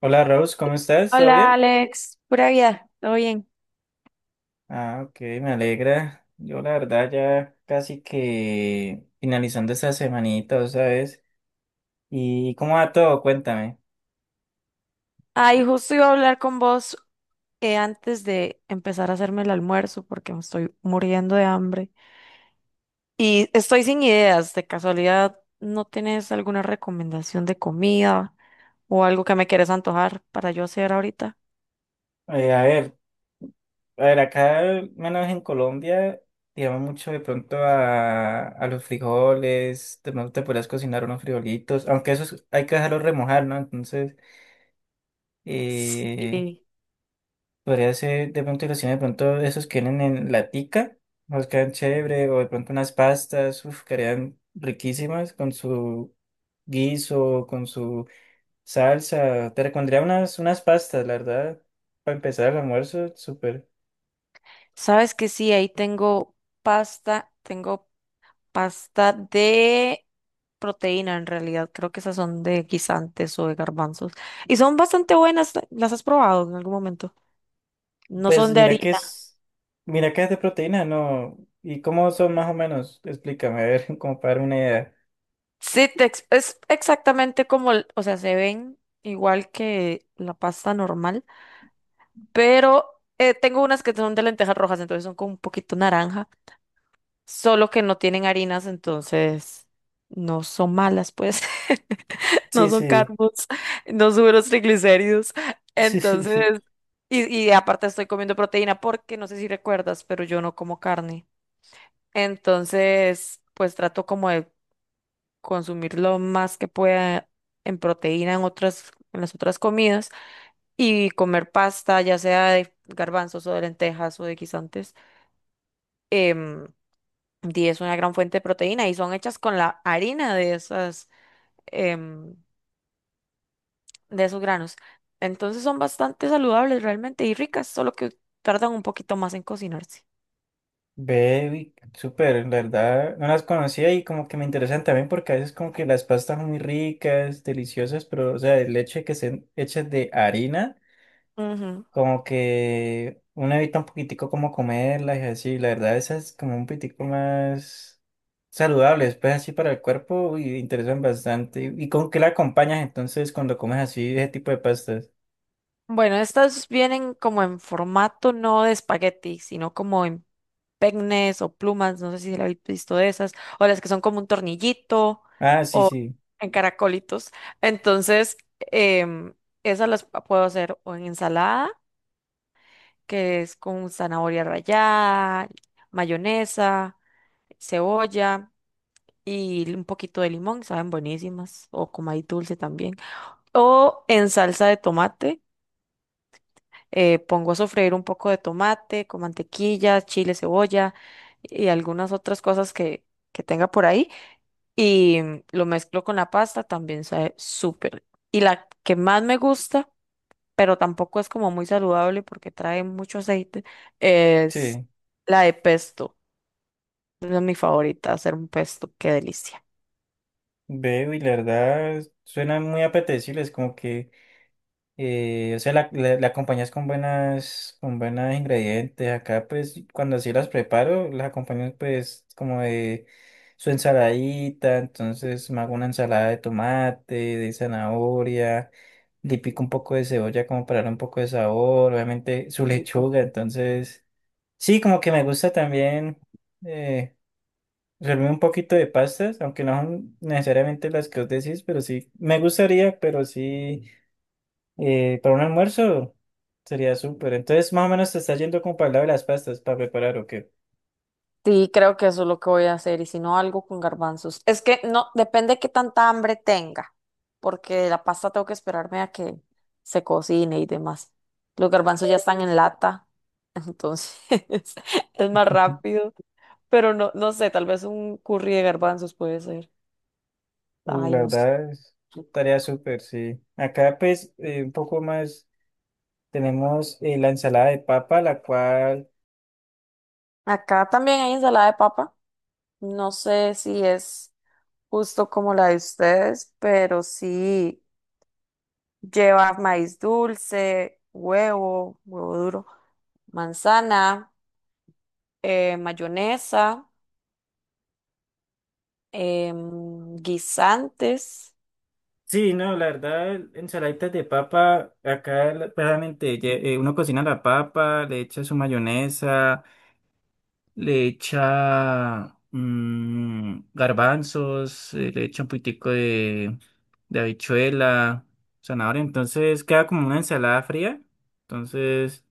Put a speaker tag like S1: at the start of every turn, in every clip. S1: Hola Rose, ¿cómo estás? ¿Todo
S2: Hola
S1: bien?
S2: Alex, pura vida, ¿todo bien?
S1: Ah, ok, me alegra. Yo la verdad ya casi que finalizando esta semanita, ¿sabes? ¿Y cómo va todo? Cuéntame.
S2: Ay, justo iba a hablar con vos antes de empezar a hacerme el almuerzo porque me estoy muriendo de hambre y estoy sin ideas. De casualidad, ¿no tienes alguna recomendación de comida o algo que me quieres antojar para yo hacer ahorita?
S1: A ver, acá al menos en Colombia, digamos mucho de pronto a los frijoles, de pronto te podrías cocinar unos frijolitos, aunque esos hay que dejarlos remojar, ¿no? Entonces, eh,
S2: Sí.
S1: podría ser de pronto cocinar de pronto esos que vienen en latica, nos quedan chévere, o de pronto unas pastas, uf, quedarían riquísimas con su guiso, con su salsa. Te recomendaría unas pastas, la verdad, para empezar el almuerzo, súper.
S2: Sabes que sí, ahí tengo pasta, tengo pasta de proteína, en realidad. Creo que esas son de guisantes o de garbanzos. Y son bastante buenas. ¿Las has probado en algún momento? No son
S1: Pues
S2: de
S1: mira que
S2: harina.
S1: es, mira que es de proteína, ¿no? ¿Y cómo son más o menos? Explícame, a ver, como para dar una idea.
S2: Sí, es exactamente como, o sea, se ven igual que la pasta normal, pero tengo unas que son de lentejas rojas, entonces son con un poquito naranja, solo que no tienen harinas, entonces no son malas, pues. No
S1: Sí,
S2: son
S1: sí.
S2: carbos, no suben los triglicéridos.
S1: Sí, sí.
S2: Entonces, y aparte estoy comiendo proteína porque no sé si recuerdas, pero yo no como carne. Entonces, pues trato como de consumir lo más que pueda en proteína en otras, en las otras comidas y comer pasta, ya sea de garbanzos o de lentejas o de guisantes. em, y es una gran fuente de proteína y son hechas con la harina de esas, em, de esos granos. Entonces son bastante saludables realmente y ricas, solo que tardan un poquito más en cocinarse.
S1: Ve, uy, súper, en verdad, no las conocía y como que me interesan también porque a veces como que las pastas son muy ricas, deliciosas, pero o sea, el leche que sean hechas de harina,
S2: Ujú.
S1: como que uno evita un poquitico como comerlas y así, la verdad esas como un poquitico más saludables, pues así para el cuerpo y interesan bastante. ¿Y con qué la acompañas entonces cuando comes así ese tipo de pastas?
S2: Bueno, estas vienen como en formato no de espagueti, sino como en peines o plumas, no sé si la habéis visto de esas, o las que son como un tornillito
S1: Ah, sí,
S2: o
S1: sí,
S2: en caracolitos. Entonces, em, esas puedo hacer o en ensalada, que es con zanahoria rallada, mayonesa, cebolla, y un poquito de limón, saben buenísimas, o con maíz dulce también. O en salsa de tomate. Pongo a sofreír un poco de tomate con mantequilla, chile, cebolla y algunas otras cosas que tenga por ahí y mm, lo mezclo con la pasta, también sabe súper. Y la que más me gusta, pero tampoco es como muy saludable porque trae mucho aceite, es
S1: sí,
S2: la de pesto. Esa es mi favorita, hacer un pesto, qué delicia.
S1: veo y la verdad, suenan muy apetecibles, como que... o sea, la acompañas con con buenos ingredientes. Acá, pues, cuando así las preparo, las acompaño, pues, como de su ensaladita. Entonces, me hago una ensalada de tomate, de zanahoria, le pico un poco de cebolla como para darle un poco de sabor. Obviamente, su
S2: Rico.
S1: lechuga. Entonces, sí, como que me gusta también eh, servirme un poquito de pastas, aunque no son necesariamente las que os decís, pero sí, me gustaría, pero sí, para un almuerzo. Sería súper. Entonces, más o menos te está yendo como para el lado de las pastas para preparar o qué.
S2: Sí, creo que eso es lo que voy a hacer, y si no, algo con garbanzos. Es que no, depende qué tanta hambre tenga, porque de la pasta tengo que esperarme a que se cocine y demás. Los garbanzos ya están en lata, entonces es más
S1: Ujú.
S2: rápido, pero no, no sé, tal vez un curry de garbanzos puede ser. Ay,
S1: La
S2: no sé.
S1: verdad es tarea súper, sí. Acá, pues, un poco más tenemos la ensalada de papa, la cual.
S2: Acá también hay ensalada de papa. No sé si es justo como la de ustedes, pero sí. Lleva maíz dulce, huevo, huevo duro, manzana, mayonesa, guisantes.
S1: Sí, no, la verdad, ensaladitas de papa, acá claramente uno cocina la papa, le echa su mayonesa. Le echa garbanzos, le echa un poquitico de habichuela, zanahoria, entonces queda como una ensalada fría. Entonces,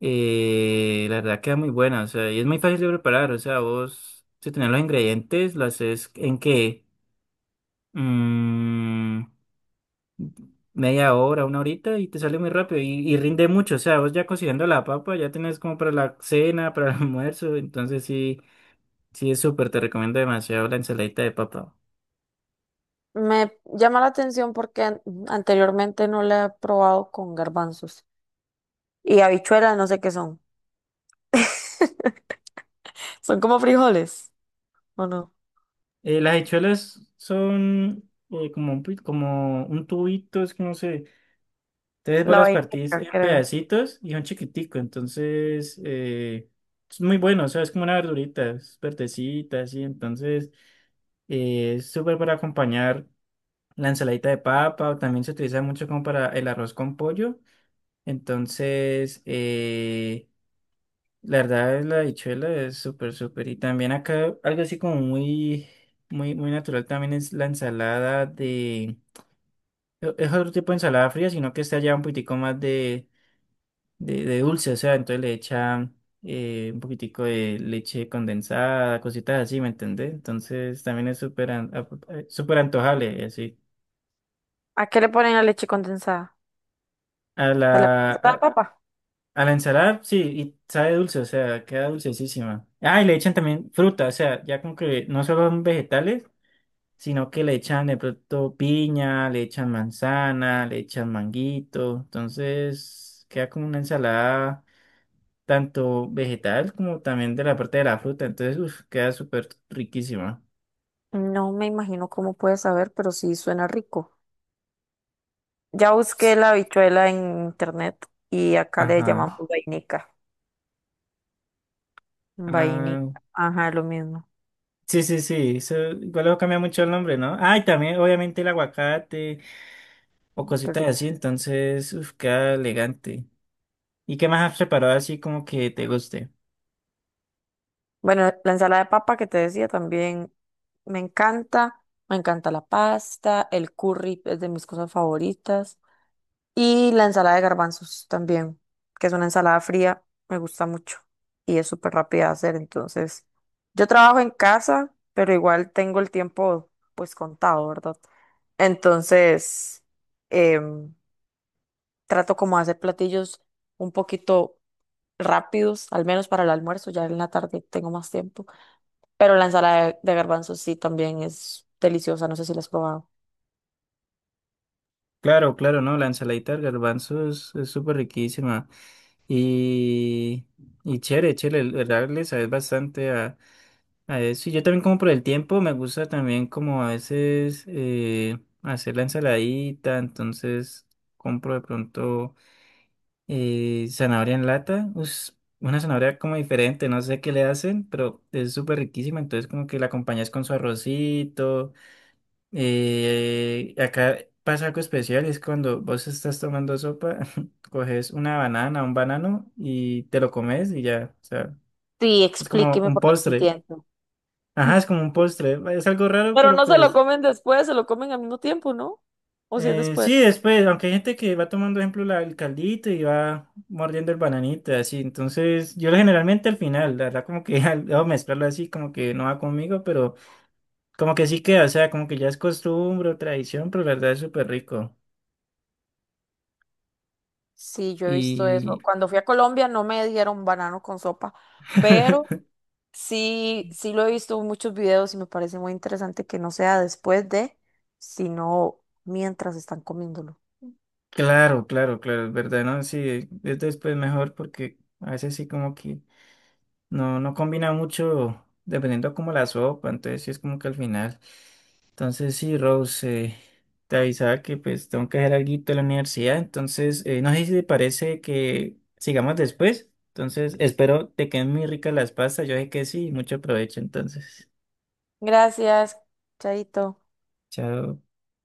S1: la verdad queda muy buena, o sea, y es muy fácil de preparar, o sea, vos, si tenés los ingredientes, lo haces en que mm, media hora, una horita y te sale muy rápido y rinde mucho, o sea, vos ya cocinando la papa, ya tenés como para la cena, para el almuerzo, entonces sí. Sí, es súper, te recomiendo demasiado la ensaladita de papa.
S2: Me llama la atención porque anteriormente no la he probado con garbanzos. Y habichuelas, no sé qué son. Son como frijoles, ¿o no?
S1: Las habichuelas son como un, como un tubito, es que no sé. Entonces vos
S2: La
S1: las partís
S2: vainilla,
S1: en
S2: creo.
S1: pedacitos y son chiquitico, entonces es muy bueno, o sea, es como una verdurita, es verdecita, así. Entonces es súper para acompañar la ensaladita de papa, o también se utiliza mucho como para el arroz con pollo. Entonces, la verdad es la dichuela es súper, súper. Y también acá algo así como muy, muy, muy natural también es la ensalada de... Es otro tipo de ensalada fría, sino que está ya un poquitico más de, de dulce. O sea, entonces le echan un poquitico de leche condensada, cositas así, ¿me entendés? Entonces también es súper súper antojable, y así.
S2: ¿A qué le ponen la leche condensada?
S1: A
S2: ¿A la,
S1: la,
S2: a la
S1: a,
S2: papa?
S1: a la ensalada, sí, y sabe dulce, o sea, queda dulcesísima. Ah, y le echan también fruta, o sea, ya como que no solo son vegetales, sino que le echan de pronto piña, le echan manzana, le echan manguito, entonces queda como una ensalada tanto vegetal como también de la parte de la fruta, entonces uf, queda súper riquísima.
S2: No me imagino cómo puede saber, pero sí suena rico. Ya busqué
S1: Sí,
S2: la habichuela en internet y acá le llamamos
S1: ajá.
S2: vainica.
S1: Ah,
S2: Vainica. Ajá, lo mismo.
S1: sí, sí, sí, eso igual luego cambia mucho el nombre, ¿no? Ah, y también obviamente el aguacate o
S2: Qué
S1: cositas
S2: rico.
S1: así, entonces uf, queda elegante. ¿Y qué más has preparado así como que te guste?
S2: Bueno, la ensalada de papa que te decía también me encanta. Me encanta la pasta, el curry es de mis cosas favoritas. Y la ensalada de garbanzos también, que es una ensalada fría, me gusta mucho y es súper rápida de hacer. Entonces, yo trabajo en casa, pero igual tengo el tiempo pues contado, ¿verdad? Entonces, em, trato como de hacer platillos un poquito rápidos, al menos para el almuerzo, ya en la tarde tengo más tiempo. Pero la ensalada de garbanzos sí también es deliciosa, no sé si la has probado.
S1: Claro, claro, no, la ensaladita del garbanzo es súper riquísima. Y, y chévere, chévere, el verdad le sabes bastante a eso. Y yo también como por el tiempo, me gusta también como a veces hacer la ensaladita, entonces compro de pronto zanahoria en lata. Una zanahoria como diferente, no sé qué le hacen, pero es súper riquísima, entonces como que la acompañas con su arrocito. Acá pasa algo especial, es cuando vos estás tomando sopa, coges una banana, un banano y te lo comes y ya, o sea,
S2: Sí,
S1: es como
S2: explíqueme
S1: un
S2: porque no
S1: postre.
S2: entiendo.
S1: Ajá, es como un postre, es algo raro,
S2: Pero
S1: pero
S2: no se lo
S1: pues
S2: comen después, se lo comen al mismo tiempo, ¿no? O si es después.
S1: sí, después, aunque hay gente que va tomando, ejemplo, el caldito y va mordiendo el bananito, así, entonces yo generalmente al final, la verdad como que al, al mezclarlo así como que no va conmigo, pero como que sí queda, o sea, como que ya es costumbre o tradición, pero la verdad es súper rico.
S2: Sí, yo he visto eso.
S1: Y
S2: Cuando fui a Colombia no me dieron banano con sopa, pero sí, sí lo he visto en muchos videos y me parece muy interesante que no sea después de, sino mientras están comiéndolo.
S1: claro, claro, claro, es verdad, ¿no? Sí, es después mejor porque a veces sí como que no, no combina mucho dependiendo como la sopa, entonces sí es como que al final. Entonces sí, Rose, te avisaba que pues tengo que hacer algo de la universidad, entonces no sé si te parece que sigamos después, entonces espero te queden muy ricas las pastas, yo sé que sí, mucho provecho, entonces,
S2: Gracias, chaito.
S1: chao.